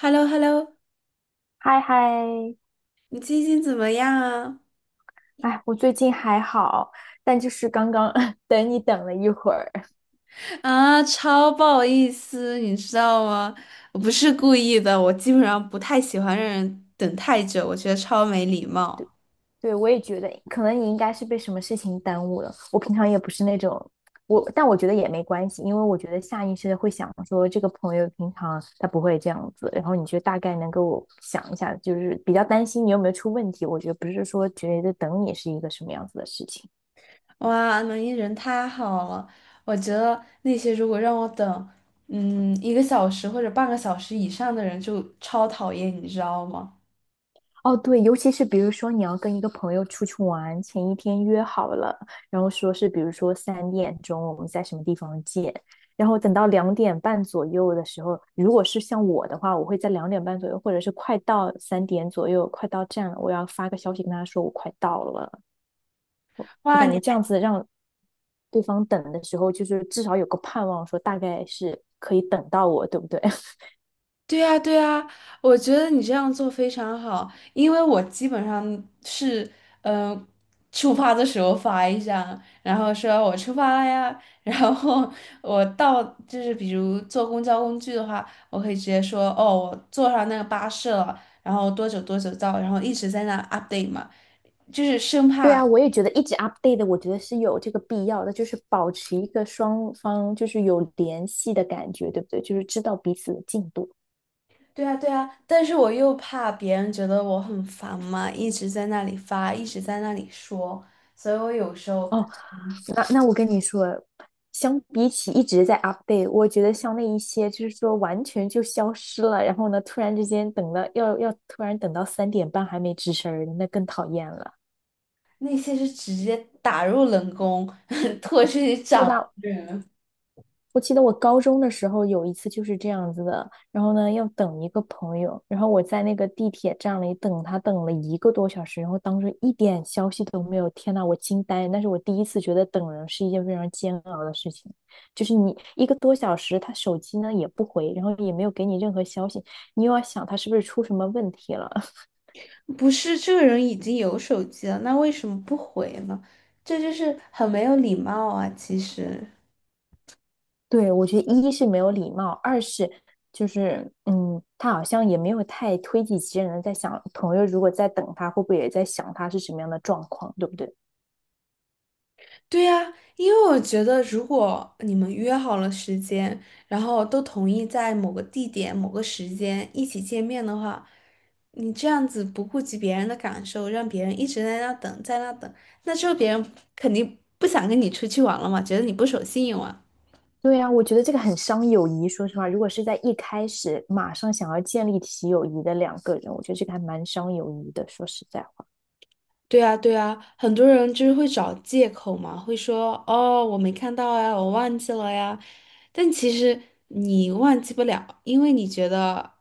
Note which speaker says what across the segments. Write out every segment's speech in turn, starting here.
Speaker 1: h e l l o h e l l o
Speaker 2: 嗨嗨，
Speaker 1: 你最近怎么样啊？
Speaker 2: 哎，我最近还好，但就是刚刚 等你等了一会儿。
Speaker 1: 啊，超不好意思，你知道吗？我不是故意的，我基本上不太喜欢让人等太久，我觉得超没礼貌。
Speaker 2: 对，我也觉得可能你应该是被什么事情耽误了。我平常也不是那种，但我觉得也没关系，因为我觉得下意识的会想说这个朋友平常他不会这样子，然后你就大概能够想一下，就是比较担心你有没有出问题。我觉得不是说觉得等你是一个什么样子的事情。
Speaker 1: 哇，能一人太好了。我觉得那些如果让我等1个小时或者半个小时以上的人就超讨厌，你知道吗？
Speaker 2: 哦，对，尤其是比如说你要跟一个朋友出去玩，前一天约好了，然后说是比如说三点钟我们在什么地方见，然后等到两点半左右的时候，如果是像我的话，我会在两点半左右，或者是快到三点左右，快到站了，我要发个消息跟他说我快到了。我
Speaker 1: 哇，
Speaker 2: 感觉
Speaker 1: 你。
Speaker 2: 这样子让对方等的时候，就是至少有个盼望，说大概是可以等到我，对不对？
Speaker 1: 对呀，对呀，我觉得你这样做非常好，因为我基本上是，嗯，出发的时候发一张，然后说我出发了呀，然后我到就是比如坐公交工具的话，我可以直接说哦，我坐上那个巴士了，然后多久多久到，然后一直在那 update 嘛。
Speaker 2: 对啊，我也觉得一直 update 的，我觉得是有这个必要的，就是保持一个双方就是有联系的感觉，对不对？就是知道彼此的进度。
Speaker 1: 对啊，对啊，但是我又怕别人觉得我很烦嘛，一直在那里发，一直在那里说，所以我有时候。
Speaker 2: 哦，那我跟你说，相比起一直在 update,我觉得像那一些就是说完全就消失了，然后呢，突然之间等了要要突然等到三点半还没吱声儿的，那更讨厌了，
Speaker 1: 那些是直接打入冷宫，拖出去
Speaker 2: 对
Speaker 1: 掌
Speaker 2: 吧？
Speaker 1: 人。
Speaker 2: 我记得我高中的时候有一次就是这样子的，然后呢要等一个朋友，然后我在那个地铁站里等他，等了一个多小时，然后当时一点消息都没有，天呐，我惊呆了！那是我第一次觉得等人是一件非常煎熬的事情，就是你一个多小时，他手机呢也不回，然后也没有给你任何消息，你又要想他是不是出什么问题了。
Speaker 1: 不是这个人已经有手机了，那为什么不回呢？这就是很没有礼貌啊，其实。
Speaker 2: 对，我觉得一是没有礼貌，二是就是，他好像也没有太推己及人的在想，朋友如果在等他，会不会也在想他是什么样的状况，对不对？
Speaker 1: 对呀，因为我觉得，如果你们约好了时间，然后都同意在某个地点、某个时间一起见面的话，你这样子不顾及别人的感受，让别人一直在那等，在那等，那之后别人肯定不想跟你出去玩了嘛，觉得你不守信用啊。
Speaker 2: 对啊，我觉得这个很伤友谊。说实话，如果是在一开始马上想要建立起友谊的两个人，我觉得这个还蛮伤友谊的。说实在话，
Speaker 1: 对啊，对啊，很多人就是会找借口嘛，会说哦，我没看到呀，我忘记了呀。但其实你忘记不了，因为你觉得，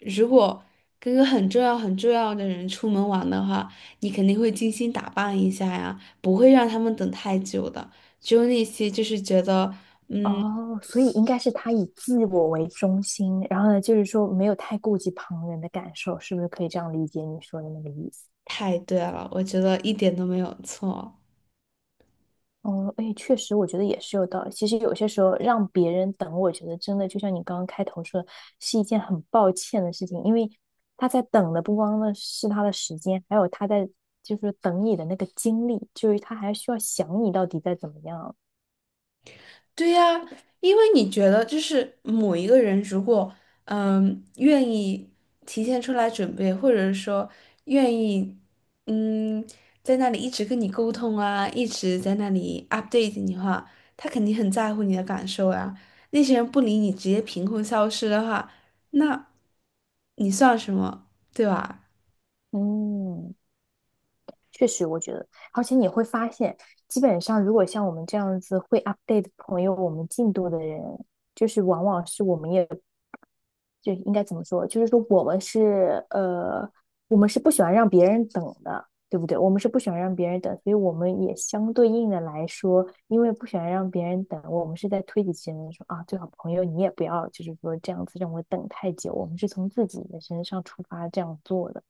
Speaker 1: 如果跟个很重要、很重要的人出门玩的话，你肯定会精心打扮一下呀，不会让他们等太久的。只有那些就是觉得
Speaker 2: 哦，所以应该是他以自我为中心，然后呢，就是说没有太顾及旁人的感受，是不是可以这样理解你说的那个意思？
Speaker 1: 太对了，我觉得一点都没有错。
Speaker 2: 嗯，哎，确实，我觉得也是有道理。其实有些时候让别人等，我觉得真的就像你刚刚开头说的，是一件很抱歉的事情，因为他在等的不光呢是他的时间，还有他在就是等你的那个精力，就是他还需要想你到底在怎么样。
Speaker 1: 对呀，因为你觉得就是某一个人如果愿意提前出来准备，或者说愿意嗯在那里一直跟你沟通啊，一直在那里 update 你的话，他肯定很在乎你的感受啊。那些人不理你，直接凭空消失的话，那你算什么，对吧？
Speaker 2: 嗯，确实，我觉得，而且你会发现，基本上如果像我们这样子会 update 朋友我们进度的人，就是往往是我们也。就应该怎么说？就是说我们是我们是不喜欢让别人等的，对不对？我们是不喜欢让别人等，所以我们也相对应的来说，因为不喜欢让别人等，我们是在推己及人说啊，最好朋友你也不要就是说这样子让我等太久，我们是从自己的身上出发这样做的。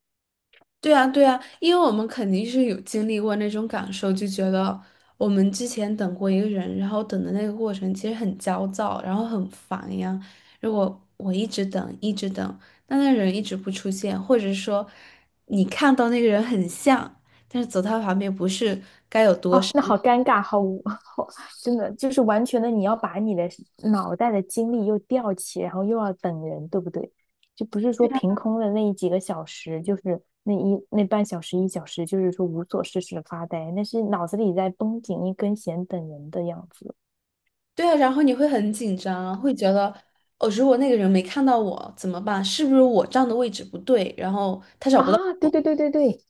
Speaker 1: 对啊，对啊，因为我们肯定是有经历过那种感受，就觉得我们之前等过一个人，然后等的那个过程其实很焦躁，然后很烦呀。如果我一直等，一直等，但那人一直不出现，或者说你看到那个人很像，但是走到他旁边不是，该有多
Speaker 2: 哦，
Speaker 1: 少。
Speaker 2: 那好尴尬，好无，好，真的就是完全的，你要把你的脑袋的精力又吊起，然后又要等人，对不对？就不是说凭空的那几个小时，就是那半小时一小时，就是说无所事事的发呆，那是脑子里在绷紧一根弦等人的样子
Speaker 1: 对啊，然后你会很紧张啊会觉得哦，如果那个人没看到我怎么办？是不是我站的位置不对？然后他找不到。
Speaker 2: 啊！对对对对对，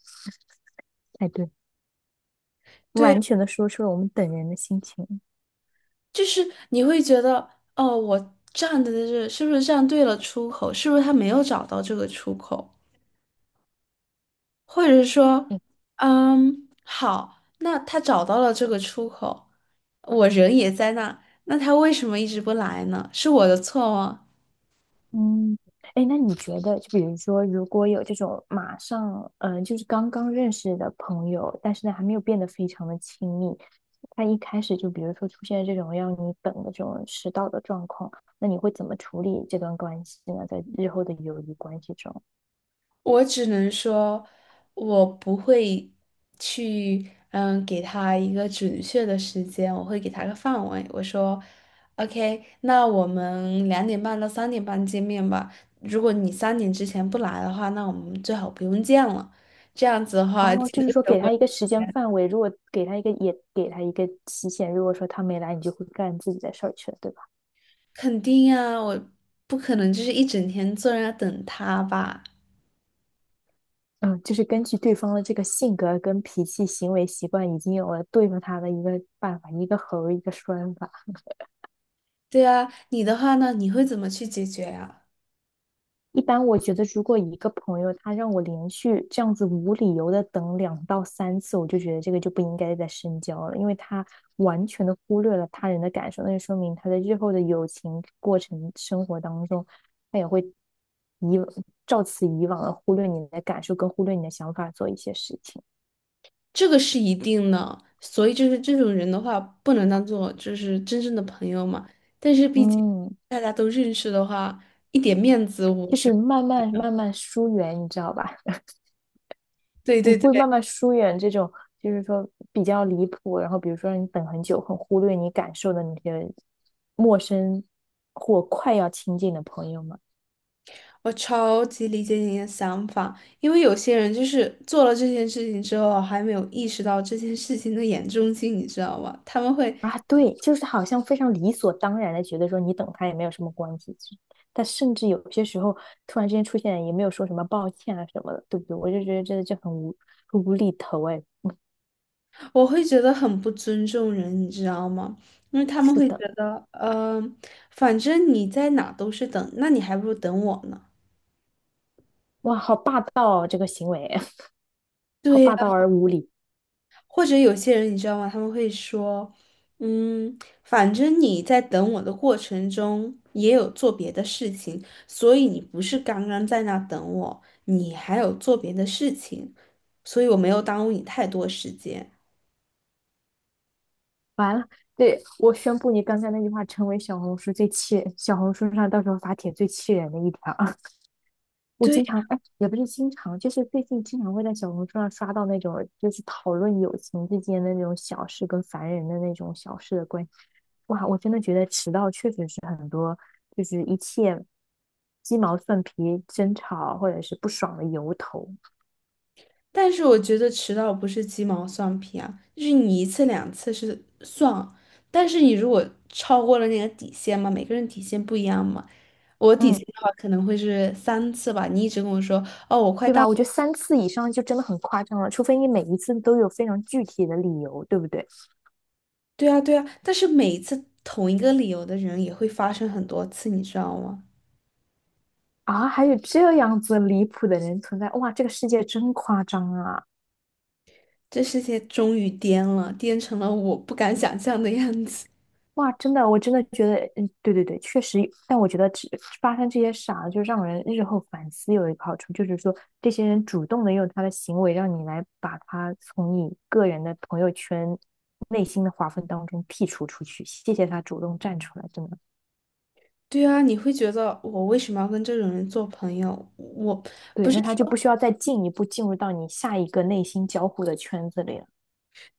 Speaker 2: 哎对，
Speaker 1: 对。
Speaker 2: 完全的说出了我们等人的心情。
Speaker 1: 就是你会觉得，哦，我站的这是不是站对了出口？是不是他没有找到这个出口？或者是说，好，那他找到了这个出口，我人也在那，那他为什么一直不来呢？是我的错吗？
Speaker 2: 嗯，哎，那你觉得，就比如说，如果有这种马上，就是刚刚认识的朋友，但是呢，还没有变得非常的亲密，他一开始就比如说出现这种让你等的这种迟到的状况，那你会怎么处理这段关系呢？在日后的友谊关系中，
Speaker 1: 我只能说，我不会去，给他一个准确的时间，我会给他个范围。我说，OK，那我们2点半到3点半见面吧。如果你三点之前不来的话，那我们最好不用见了。这样子的话，既
Speaker 2: 哦，就是说
Speaker 1: 能省
Speaker 2: 给
Speaker 1: 我
Speaker 2: 他一个时间范围，如果给他一个，也给他一个期限，如果说他没来，你就会干自己的事儿去了，对吧？
Speaker 1: 肯定啊，我不可能就是一整天坐在那等他吧？
Speaker 2: 嗯，就是根据对方的这个性格、跟脾气、行为习惯，已经有了对付他的一个办法，一个猴一个栓法。
Speaker 1: 对啊，你的话呢？你会怎么去解决呀？
Speaker 2: 一般我觉得，如果一个朋友他让我连续这样子无理由的等两到三次，我就觉得这个就不应该再深交了，因为他完全的忽略了他人的感受，那就说明他在日后的友情过程、生活当中，他也会以照此以往的忽略你的感受，跟忽略你的想法做一些事情。
Speaker 1: 这个是一定的，所以就是这种人的话，不能当做就是真正的朋友嘛。但是毕竟
Speaker 2: 嗯，
Speaker 1: 大家都认识的话，一点面子我
Speaker 2: 就
Speaker 1: 是。
Speaker 2: 是慢慢疏远，你知道吧？
Speaker 1: 对
Speaker 2: 你
Speaker 1: 对
Speaker 2: 会
Speaker 1: 对，
Speaker 2: 慢慢疏远这种，就是说比较离谱，然后比如说让你等很久，很忽略你感受的那些陌生或快要亲近的朋友们
Speaker 1: 我超级理解你的想法，因为有些人就是做了这件事情之后，还没有意识到这件事情的严重性，你知道吗？他们会，
Speaker 2: 啊。对，就是好像非常理所当然的觉得说你等他也没有什么关系，但甚至有些时候突然之间出现也没有说什么抱歉啊什么的，对不对？我就觉得真的就很无厘头哎，
Speaker 1: 我会觉得很不尊重人，你知道吗？因为他们
Speaker 2: 是
Speaker 1: 会觉
Speaker 2: 的。
Speaker 1: 得，反正你在哪都是等，那你还不如等我呢。
Speaker 2: 哇，好霸道哦，这个行为 好
Speaker 1: 对呀。
Speaker 2: 霸道而无理。
Speaker 1: 或者有些人你知道吗？他们会说，嗯，反正你在等我的过程中也有做别的事情，所以你不是刚刚在那等我，你还有做别的事情，所以我没有耽误你太多时间。
Speaker 2: 完了，对，我宣布你刚才那句话成为小红书上到时候发帖最气人的一条。我
Speaker 1: 对呀，
Speaker 2: 经常，哎，也不是经常，就是最近经常会在小红书上刷到那种，就是讨论友情之间的那种小事跟烦人的那种小事的关系。哇，我真的觉得迟到确实是很多，就是一切鸡毛蒜皮、争吵或者是不爽的由头。
Speaker 1: 但是我觉得迟到不是鸡毛蒜皮啊，就是你一次两次是算，但是你如果超过了那个底线嘛，每个人底线不一样嘛，我底线
Speaker 2: 嗯，
Speaker 1: 的话可能会是3次吧，你一直跟我说。哦，我快
Speaker 2: 对吧？
Speaker 1: 到
Speaker 2: 我觉得三次以上就真的很夸张了，除非你每一次都有非常具体的理由，对不对？
Speaker 1: 对啊，对啊，但是每一次同一个理由的人也会发生很多次，你知道吗？
Speaker 2: 啊，还有这样子离谱的人存在，哇，这个世界真夸张啊！
Speaker 1: 这世界终于颠了，颠成了我不敢想象的样子。
Speaker 2: 哇，真的，我真的觉得，嗯，对对对，确实，但我觉得只发生这些傻，就让人日后反思有一个好处，就是说这些人主动的用他的行为让你来把他从你个人的朋友圈内心的划分当中剔除出去，谢谢他主动站出来，真的。
Speaker 1: 对啊，你会觉得我为什么要跟这种人做朋友？我，
Speaker 2: 对，那他就不需要再进一步进入到你下一个内心交互的圈子里了。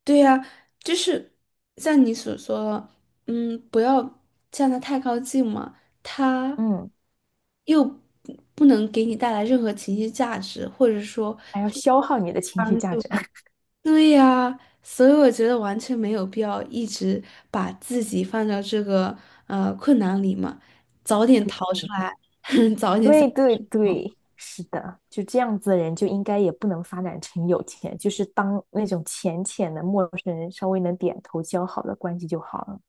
Speaker 1: 对呀，就是像你所说的，嗯，不要向他太靠近嘛，他
Speaker 2: 嗯，
Speaker 1: 又不不能给你带来任何情绪价值，或者说。
Speaker 2: 还要消耗你的情绪价值。
Speaker 1: 对呀，所以我觉得完全没有必要一直把自己放到这个困难里嘛，早点逃出来。
Speaker 2: 对对对，是的，就这样子的人就应该也不能发展成有钱，就是当那种浅浅的陌生人，稍微能点头交好的关系就好了。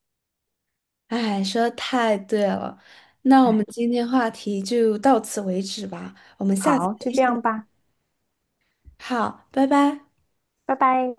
Speaker 1: 哎，说的太对了。那我
Speaker 2: 哎，
Speaker 1: 们今天话题就到此为止吧，我们下次
Speaker 2: 好，就
Speaker 1: 继
Speaker 2: 这
Speaker 1: 续。
Speaker 2: 样吧，
Speaker 1: 好，拜拜。
Speaker 2: 拜拜。